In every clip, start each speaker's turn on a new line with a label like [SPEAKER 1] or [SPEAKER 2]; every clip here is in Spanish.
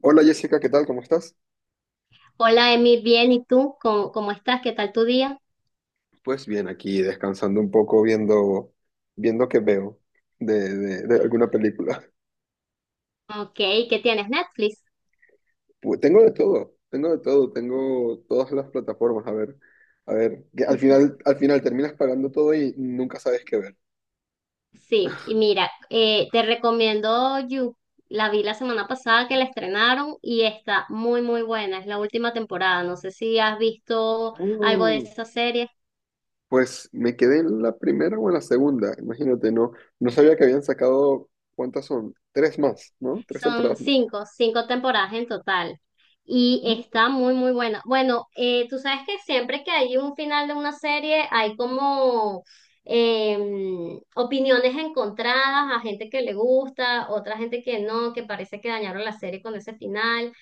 [SPEAKER 1] Hola Jessica, ¿qué tal? ¿Cómo estás?
[SPEAKER 2] Hola, Emi, bien, ¿y tú? ¿Cómo estás? ¿Qué tal tu día?
[SPEAKER 1] Pues bien, aquí descansando un poco, viendo qué veo de alguna película.
[SPEAKER 2] Ok, ¿qué tienes? Netflix.
[SPEAKER 1] Pues tengo de todo, tengo de todo, tengo todas las plataformas. A ver, que al final terminas pagando todo y nunca sabes qué ver.
[SPEAKER 2] Sí, y mira, te recomiendo You. La vi la semana pasada que la estrenaron y está muy, muy buena. Es la última temporada. No sé si has visto algo de
[SPEAKER 1] Mm,
[SPEAKER 2] esa serie.
[SPEAKER 1] pues me quedé en la primera o en la segunda, imagínate, no sabía que habían sacado, ¿cuántas son? Tres más, ¿no? Tres
[SPEAKER 2] Son
[SPEAKER 1] temporadas más.
[SPEAKER 2] cinco temporadas en total. Y está muy, muy buena. Bueno, tú sabes que siempre que hay un final de una serie hay como opiniones encontradas, a gente que le gusta, otra gente que no, que parece que dañaron la serie con ese final.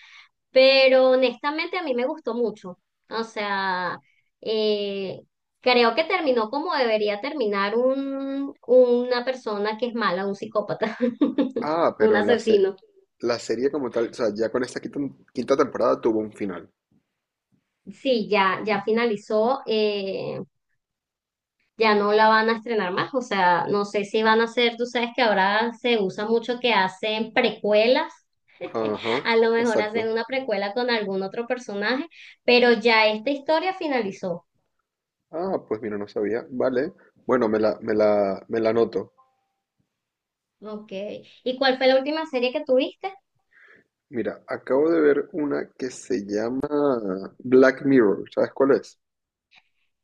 [SPEAKER 2] Pero honestamente a mí me gustó mucho. O sea, eh, creo que terminó como debería terminar una persona que es mala, un psicópata,
[SPEAKER 1] Ah,
[SPEAKER 2] un
[SPEAKER 1] pero
[SPEAKER 2] asesino.
[SPEAKER 1] la serie como tal, o sea, ya con esta quinta temporada tuvo un final.
[SPEAKER 2] Sí, ya finalizó, ya no la van a estrenar más, o sea, no sé si van a hacer, tú sabes que ahora se usa mucho que hacen precuelas,
[SPEAKER 1] Ajá,
[SPEAKER 2] a lo mejor
[SPEAKER 1] exacto.
[SPEAKER 2] hacen una precuela con algún otro personaje, pero ya esta historia finalizó.
[SPEAKER 1] Ah, pues mira, no sabía. Vale. Bueno, me la anoto.
[SPEAKER 2] Ok, ¿y cuál fue la última serie que tuviste?
[SPEAKER 1] Mira, acabo de ver una que se llama Black Mirror. ¿Sabes cuál es?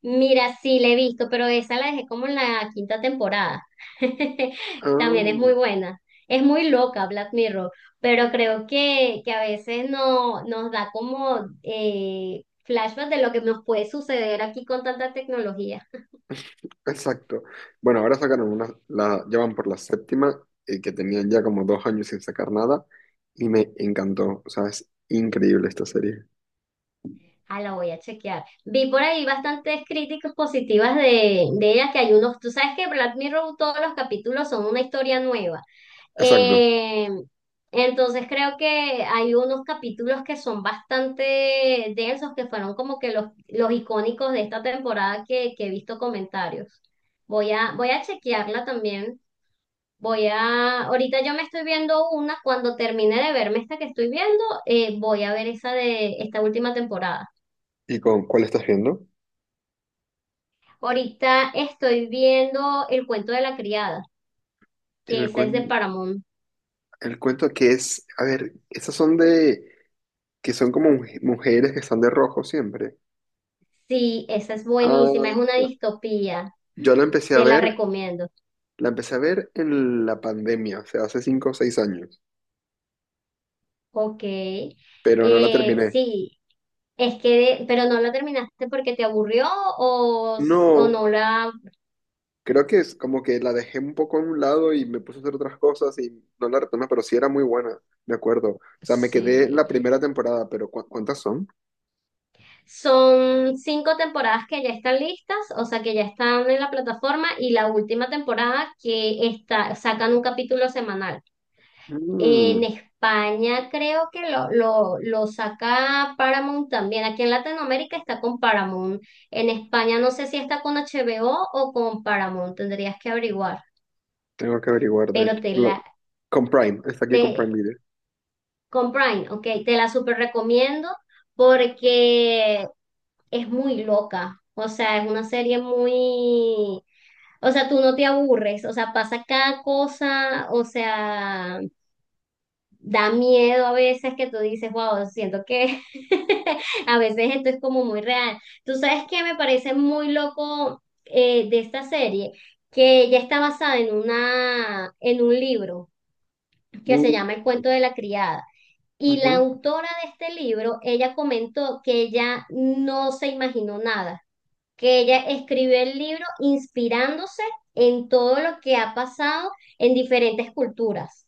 [SPEAKER 2] Mira, sí, la he visto, pero esa la dejé como en la quinta temporada. También es muy
[SPEAKER 1] Ah,
[SPEAKER 2] buena. Es muy loca Black Mirror, pero creo que a veces no, nos da como flashbacks de lo que nos puede suceder aquí con tanta tecnología.
[SPEAKER 1] exacto. Bueno, ahora sacaron una, la, ya van por la séptima, que tenían ya como 2 años sin sacar nada, y me encantó. O sea, es increíble esta serie.
[SPEAKER 2] Ah, la voy a chequear. Vi por ahí bastantes críticas positivas de ella, que hay unos, tú sabes que Black Mirror todos los capítulos son una historia nueva.
[SPEAKER 1] Exacto.
[SPEAKER 2] Eh, entonces creo que hay unos capítulos que son bastante densos, que fueron como que los icónicos de esta temporada que he visto comentarios. Voy a chequearla también. Ahorita yo me estoy viendo una, cuando termine de verme esta que estoy viendo, voy a ver esa de esta última temporada.
[SPEAKER 1] ¿Y con cuál estás viendo?
[SPEAKER 2] Ahorita estoy viendo El cuento de la criada, que
[SPEAKER 1] El,
[SPEAKER 2] esa es de
[SPEAKER 1] cuen-
[SPEAKER 2] Paramount.
[SPEAKER 1] el cuento que es, a ver, esas son que son como mujeres que están de rojo siempre.
[SPEAKER 2] Sí, esa es buenísima, es
[SPEAKER 1] Ah,
[SPEAKER 2] una distopía.
[SPEAKER 1] yo la empecé a
[SPEAKER 2] Te la
[SPEAKER 1] ver,
[SPEAKER 2] recomiendo.
[SPEAKER 1] la empecé a ver en la pandemia, o sea, hace 5 o 6 años,
[SPEAKER 2] Ok.
[SPEAKER 1] pero no la terminé.
[SPEAKER 2] Sí, es que, pero no la terminaste porque te aburrió o
[SPEAKER 1] No,
[SPEAKER 2] no la...
[SPEAKER 1] creo que es como que la dejé un poco a un lado y me puse a hacer otras cosas y no la retomé, pero sí era muy buena, me acuerdo. O sea, me quedé en
[SPEAKER 2] Sí.
[SPEAKER 1] la primera temporada, pero ¿cuántas son?
[SPEAKER 2] Son cinco temporadas que ya están listas, o sea, que ya están en la plataforma y la última temporada que está, sacan un capítulo semanal. En
[SPEAKER 1] Mm,
[SPEAKER 2] España creo que lo saca Paramount también. Aquí en Latinoamérica está con Paramount. En España no sé si está con HBO o con Paramount. Tendrías que averiguar.
[SPEAKER 1] Tengo que averiguar, de
[SPEAKER 2] Pero
[SPEAKER 1] hecho. Con Prime, está aquí con
[SPEAKER 2] te,
[SPEAKER 1] Prime Video.
[SPEAKER 2] con Prime, ok, te la super recomiendo porque es muy loca. O sea, es una serie muy, o sea, tú no te aburres. O sea, pasa cada cosa. O sea, da miedo a veces que tú dices, wow, siento que a veces esto es como muy real. Tú sabes que me parece muy loco de esta serie, que ya está basada en un libro que se
[SPEAKER 1] Mm,
[SPEAKER 2] llama El cuento de la criada. Y la
[SPEAKER 1] ujú.
[SPEAKER 2] autora de este libro, ella comentó que ella no se imaginó nada, que ella escribió el libro inspirándose en todo lo que ha pasado en diferentes culturas.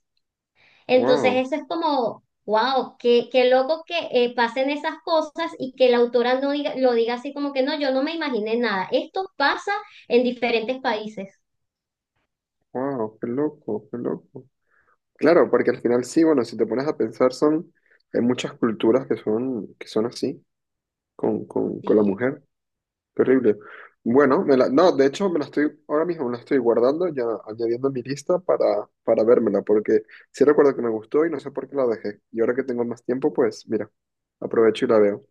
[SPEAKER 2] Entonces,
[SPEAKER 1] Wow,
[SPEAKER 2] eso es como, wow, qué loco que pasen esas cosas y que la autora no diga, lo diga así como que no, yo no me imaginé nada. Esto pasa en diferentes países.
[SPEAKER 1] wow, qué loco, qué loco. Claro, porque al final sí, bueno, si te pones a pensar, hay muchas culturas que son, así, con la mujer. Terrible. Bueno, no, de hecho ahora mismo me la estoy guardando, ya añadiendo a mi lista para vérmela, porque sí recuerdo que me gustó y no sé por qué la dejé. Y ahora que tengo más tiempo, pues mira, aprovecho y la veo.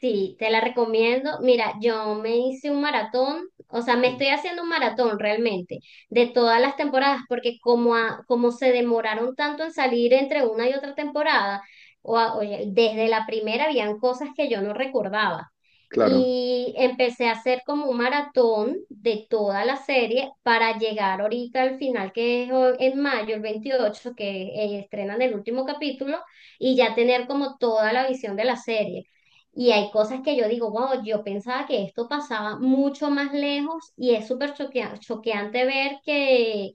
[SPEAKER 2] Sí, te la recomiendo. Mira, yo me hice un maratón, o sea, me estoy haciendo un maratón realmente de todas las temporadas, porque como, como se demoraron tanto en salir entre una y otra temporada, oye, desde la primera habían cosas que yo no recordaba.
[SPEAKER 1] Claro.
[SPEAKER 2] Y empecé a hacer como un maratón de toda la serie para llegar ahorita al final, que es en mayo, el 28 que estrenan el último capítulo, y ya tener como toda la visión de la serie. Y hay cosas que yo digo, wow, yo pensaba que esto pasaba mucho más lejos y es súper choqueante ver que,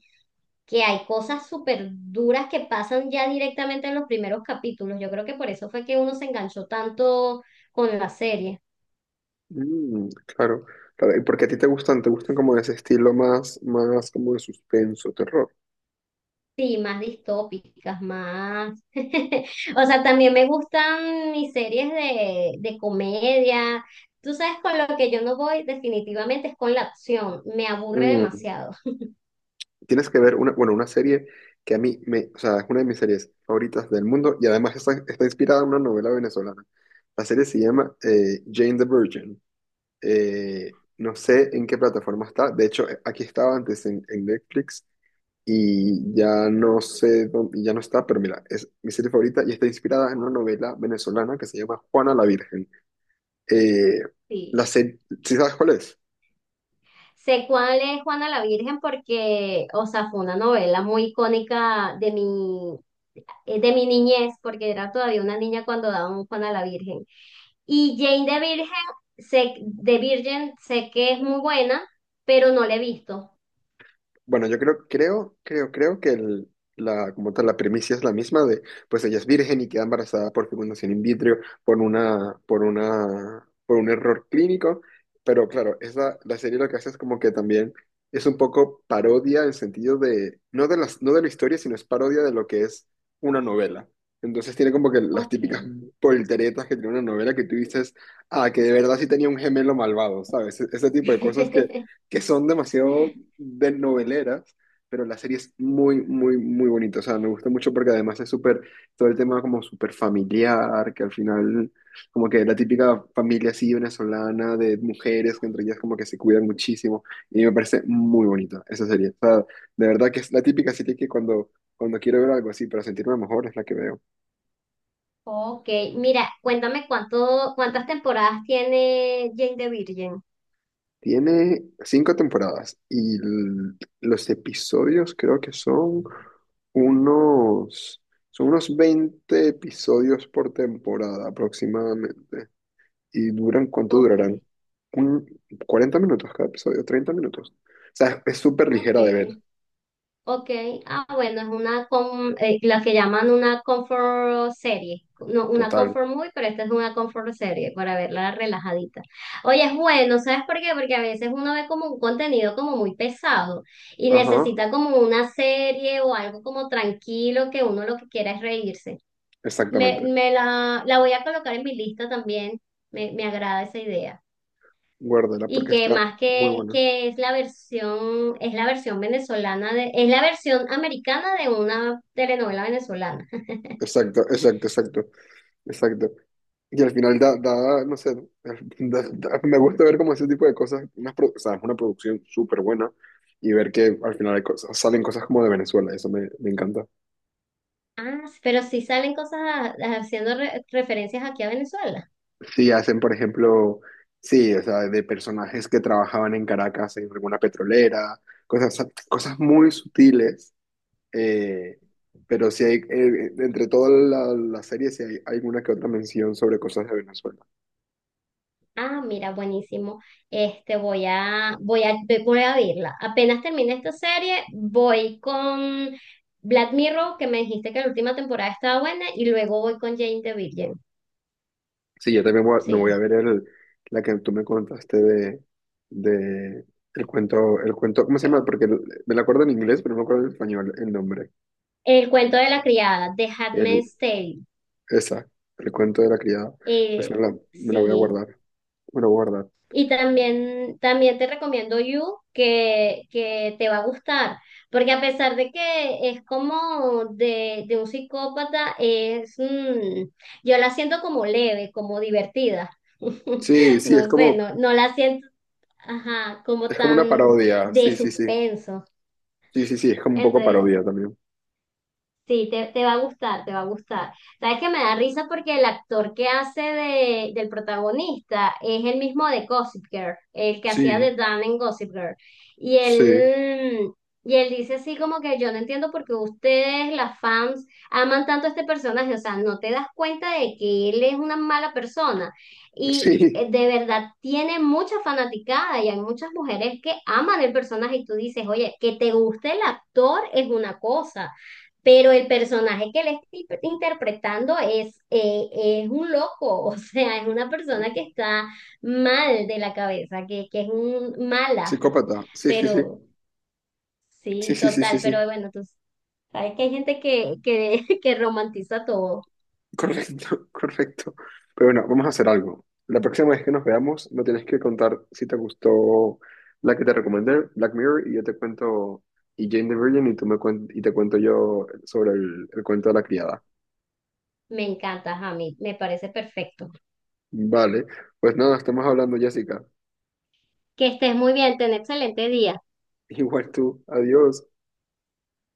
[SPEAKER 2] que hay cosas súper duras que pasan ya directamente en los primeros capítulos. Yo creo que por eso fue que uno se enganchó tanto con la serie.
[SPEAKER 1] Mm, claro, claro. ¿Y porque a ti te gustan? ¿Te gustan como de ese estilo más como de suspenso, terror?
[SPEAKER 2] Sí, más distópicas, más. O sea, también me gustan mis series de comedia. Tú sabes, con lo que yo no voy definitivamente es con la acción. Me aburre
[SPEAKER 1] Mm.
[SPEAKER 2] demasiado.
[SPEAKER 1] Tienes que ver bueno, una serie que o sea, es una de mis series favoritas del mundo y además está inspirada en una novela venezolana. La serie se llama Jane the Virgin. No sé en qué plataforma está. De hecho, aquí estaba antes en Netflix y ya no sé dónde, ya no está, pero mira, es mi serie favorita y está inspirada en una novela venezolana que se llama Juana la Virgen. Eh,
[SPEAKER 2] Sí.
[SPEAKER 1] la serie, ¿sí sabes cuál es?
[SPEAKER 2] Sé cuál es Juana la Virgen porque, o sea, fue una novela muy icónica de mi niñez, porque era todavía una niña cuando daban Juana la Virgen. Y Jane de Virgen, sé que es muy buena, pero no la he visto.
[SPEAKER 1] Bueno, yo creo que como tal, la premisa es la misma de, pues ella es virgen y queda embarazada por fecundación in vitro por un error clínico, pero claro, la serie lo que hace es como que también es un poco parodia en sentido de, no de las, no de la historia, sino es parodia de lo que es una novela. Entonces tiene como que las
[SPEAKER 2] Ok.
[SPEAKER 1] típicas polteretas que tiene una novela que tú dices, ah, que de verdad sí tenía un gemelo malvado, ¿sabes? Ese tipo de cosas que son demasiado de noveleras, pero la serie es muy, muy, muy bonita. O sea, me gusta mucho porque además es súper, todo el tema como súper familiar, que al final, como que la típica familia así venezolana de mujeres, que entre ellas como que se cuidan muchísimo. Y me parece muy bonita esa serie. O sea, de verdad que es la típica serie que cuando quiero ver algo así para sentirme mejor es la que veo.
[SPEAKER 2] Ok, mira, cuéntame cuántas temporadas tiene Jane de Virgen.
[SPEAKER 1] Tiene cinco temporadas y los episodios creo que son unos, son unos 20 episodios por temporada aproximadamente. ¿Y duran cuánto
[SPEAKER 2] Ok.
[SPEAKER 1] durarán? Un, 40 minutos cada episodio, 30 minutos. O sea, es súper
[SPEAKER 2] Ok.
[SPEAKER 1] ligera de ver,
[SPEAKER 2] Ok, ah bueno, es la que llaman una comfort serie, no, una
[SPEAKER 1] total.
[SPEAKER 2] comfort movie, pero esta es una comfort serie para verla relajadita. Oye, es bueno, ¿sabes por qué? Porque a veces uno ve como un contenido como muy pesado y
[SPEAKER 1] Ajá,
[SPEAKER 2] necesita como una serie o algo como tranquilo que uno lo que quiera es reírse. Me,
[SPEAKER 1] exactamente.
[SPEAKER 2] me la, la voy a colocar en mi lista también, me agrada esa idea.
[SPEAKER 1] Guárdala
[SPEAKER 2] Y
[SPEAKER 1] porque
[SPEAKER 2] que
[SPEAKER 1] está
[SPEAKER 2] más
[SPEAKER 1] muy
[SPEAKER 2] que,
[SPEAKER 1] buena.
[SPEAKER 2] que es la versión venezolana de, es la versión americana de una telenovela venezolana.
[SPEAKER 1] Exacto, exacto, exacto, exacto. Y al final no sé, me gusta ver como ese tipo de cosas, o sea, es una producción súper buena y ver que al final salen cosas como de Venezuela, eso me encanta.
[SPEAKER 2] Ah, pero sí salen cosas haciendo referencias aquí a Venezuela.
[SPEAKER 1] Sí, hacen, por ejemplo, sí, o sea, de personajes que trabajaban en Caracas en alguna petrolera, cosas, cosas muy sutiles, eh, pero sí entre toda la serie sí hay alguna que otra mención sobre cosas de Venezuela.
[SPEAKER 2] Ah, mira, buenísimo. Este, voy a verla. Apenas termine esta serie, voy con Black Mirror, que me dijiste que la última temporada estaba buena, y luego voy con Jane the Virgin.
[SPEAKER 1] Sí, yo también me voy a
[SPEAKER 2] Sí.
[SPEAKER 1] ver la que tú me contaste de, el cuento, ¿cómo se
[SPEAKER 2] Eh,
[SPEAKER 1] llama? Porque me la acuerdo en inglés, pero no me acuerdo en español el nombre.
[SPEAKER 2] El cuento de la criada, de
[SPEAKER 1] El,
[SPEAKER 2] Handmaid's Tale.
[SPEAKER 1] esa, el cuento de la criada. Pues me
[SPEAKER 2] Eh,
[SPEAKER 1] la, me la voy a
[SPEAKER 2] sí.
[SPEAKER 1] guardar. Me la voy a guardar.
[SPEAKER 2] Y también te recomiendo You, que te va a gustar, porque a pesar de que es como de un psicópata, yo la siento como leve, como divertida.
[SPEAKER 1] Sí, sí, es
[SPEAKER 2] No sé,
[SPEAKER 1] como,
[SPEAKER 2] no la siento, ajá, como
[SPEAKER 1] es como una
[SPEAKER 2] tan
[SPEAKER 1] parodia.
[SPEAKER 2] de
[SPEAKER 1] Sí, sí, sí.
[SPEAKER 2] suspenso.
[SPEAKER 1] Sí, sí, sí, es como un poco
[SPEAKER 2] Entonces,
[SPEAKER 1] parodia también.
[SPEAKER 2] sí, te va a gustar, te va a gustar. Sabes que me da risa porque el actor que hace del protagonista es el mismo de Gossip Girl, el que hacía
[SPEAKER 1] Sí,
[SPEAKER 2] de Dan en Gossip Girl. Y
[SPEAKER 1] sí.
[SPEAKER 2] él, y él dice así como que yo no entiendo por qué ustedes, las fans, aman tanto a este personaje. O sea, no te das cuenta de que él es una mala persona. Y
[SPEAKER 1] Sí,
[SPEAKER 2] de verdad tiene mucha fanaticada y hay muchas mujeres que aman el personaje y tú dices, oye, que te guste el actor es una cosa pero el personaje que él está interpretando es un loco, o sea, es una persona que está mal de la cabeza, que es un mala,
[SPEAKER 1] psicópata. Sí, sí, sí.
[SPEAKER 2] pero
[SPEAKER 1] Sí,
[SPEAKER 2] sí,
[SPEAKER 1] sí, sí, sí,
[SPEAKER 2] total, pero
[SPEAKER 1] sí.
[SPEAKER 2] bueno, tú sabes que hay gente que romantiza todo.
[SPEAKER 1] Correcto, correcto. Pero bueno, vamos a hacer algo. La próxima vez que nos veamos, me tienes que contar si te gustó la que te recomendé, Black Mirror, y yo te cuento, y Jane the Virgin, y y te cuento yo sobre el cuento de la criada.
[SPEAKER 2] Me encanta, Jamie, me parece perfecto.
[SPEAKER 1] Vale, pues nada, estamos hablando, Jessica.
[SPEAKER 2] Que estés muy bien, ten excelente día.
[SPEAKER 1] Igual tú, adiós.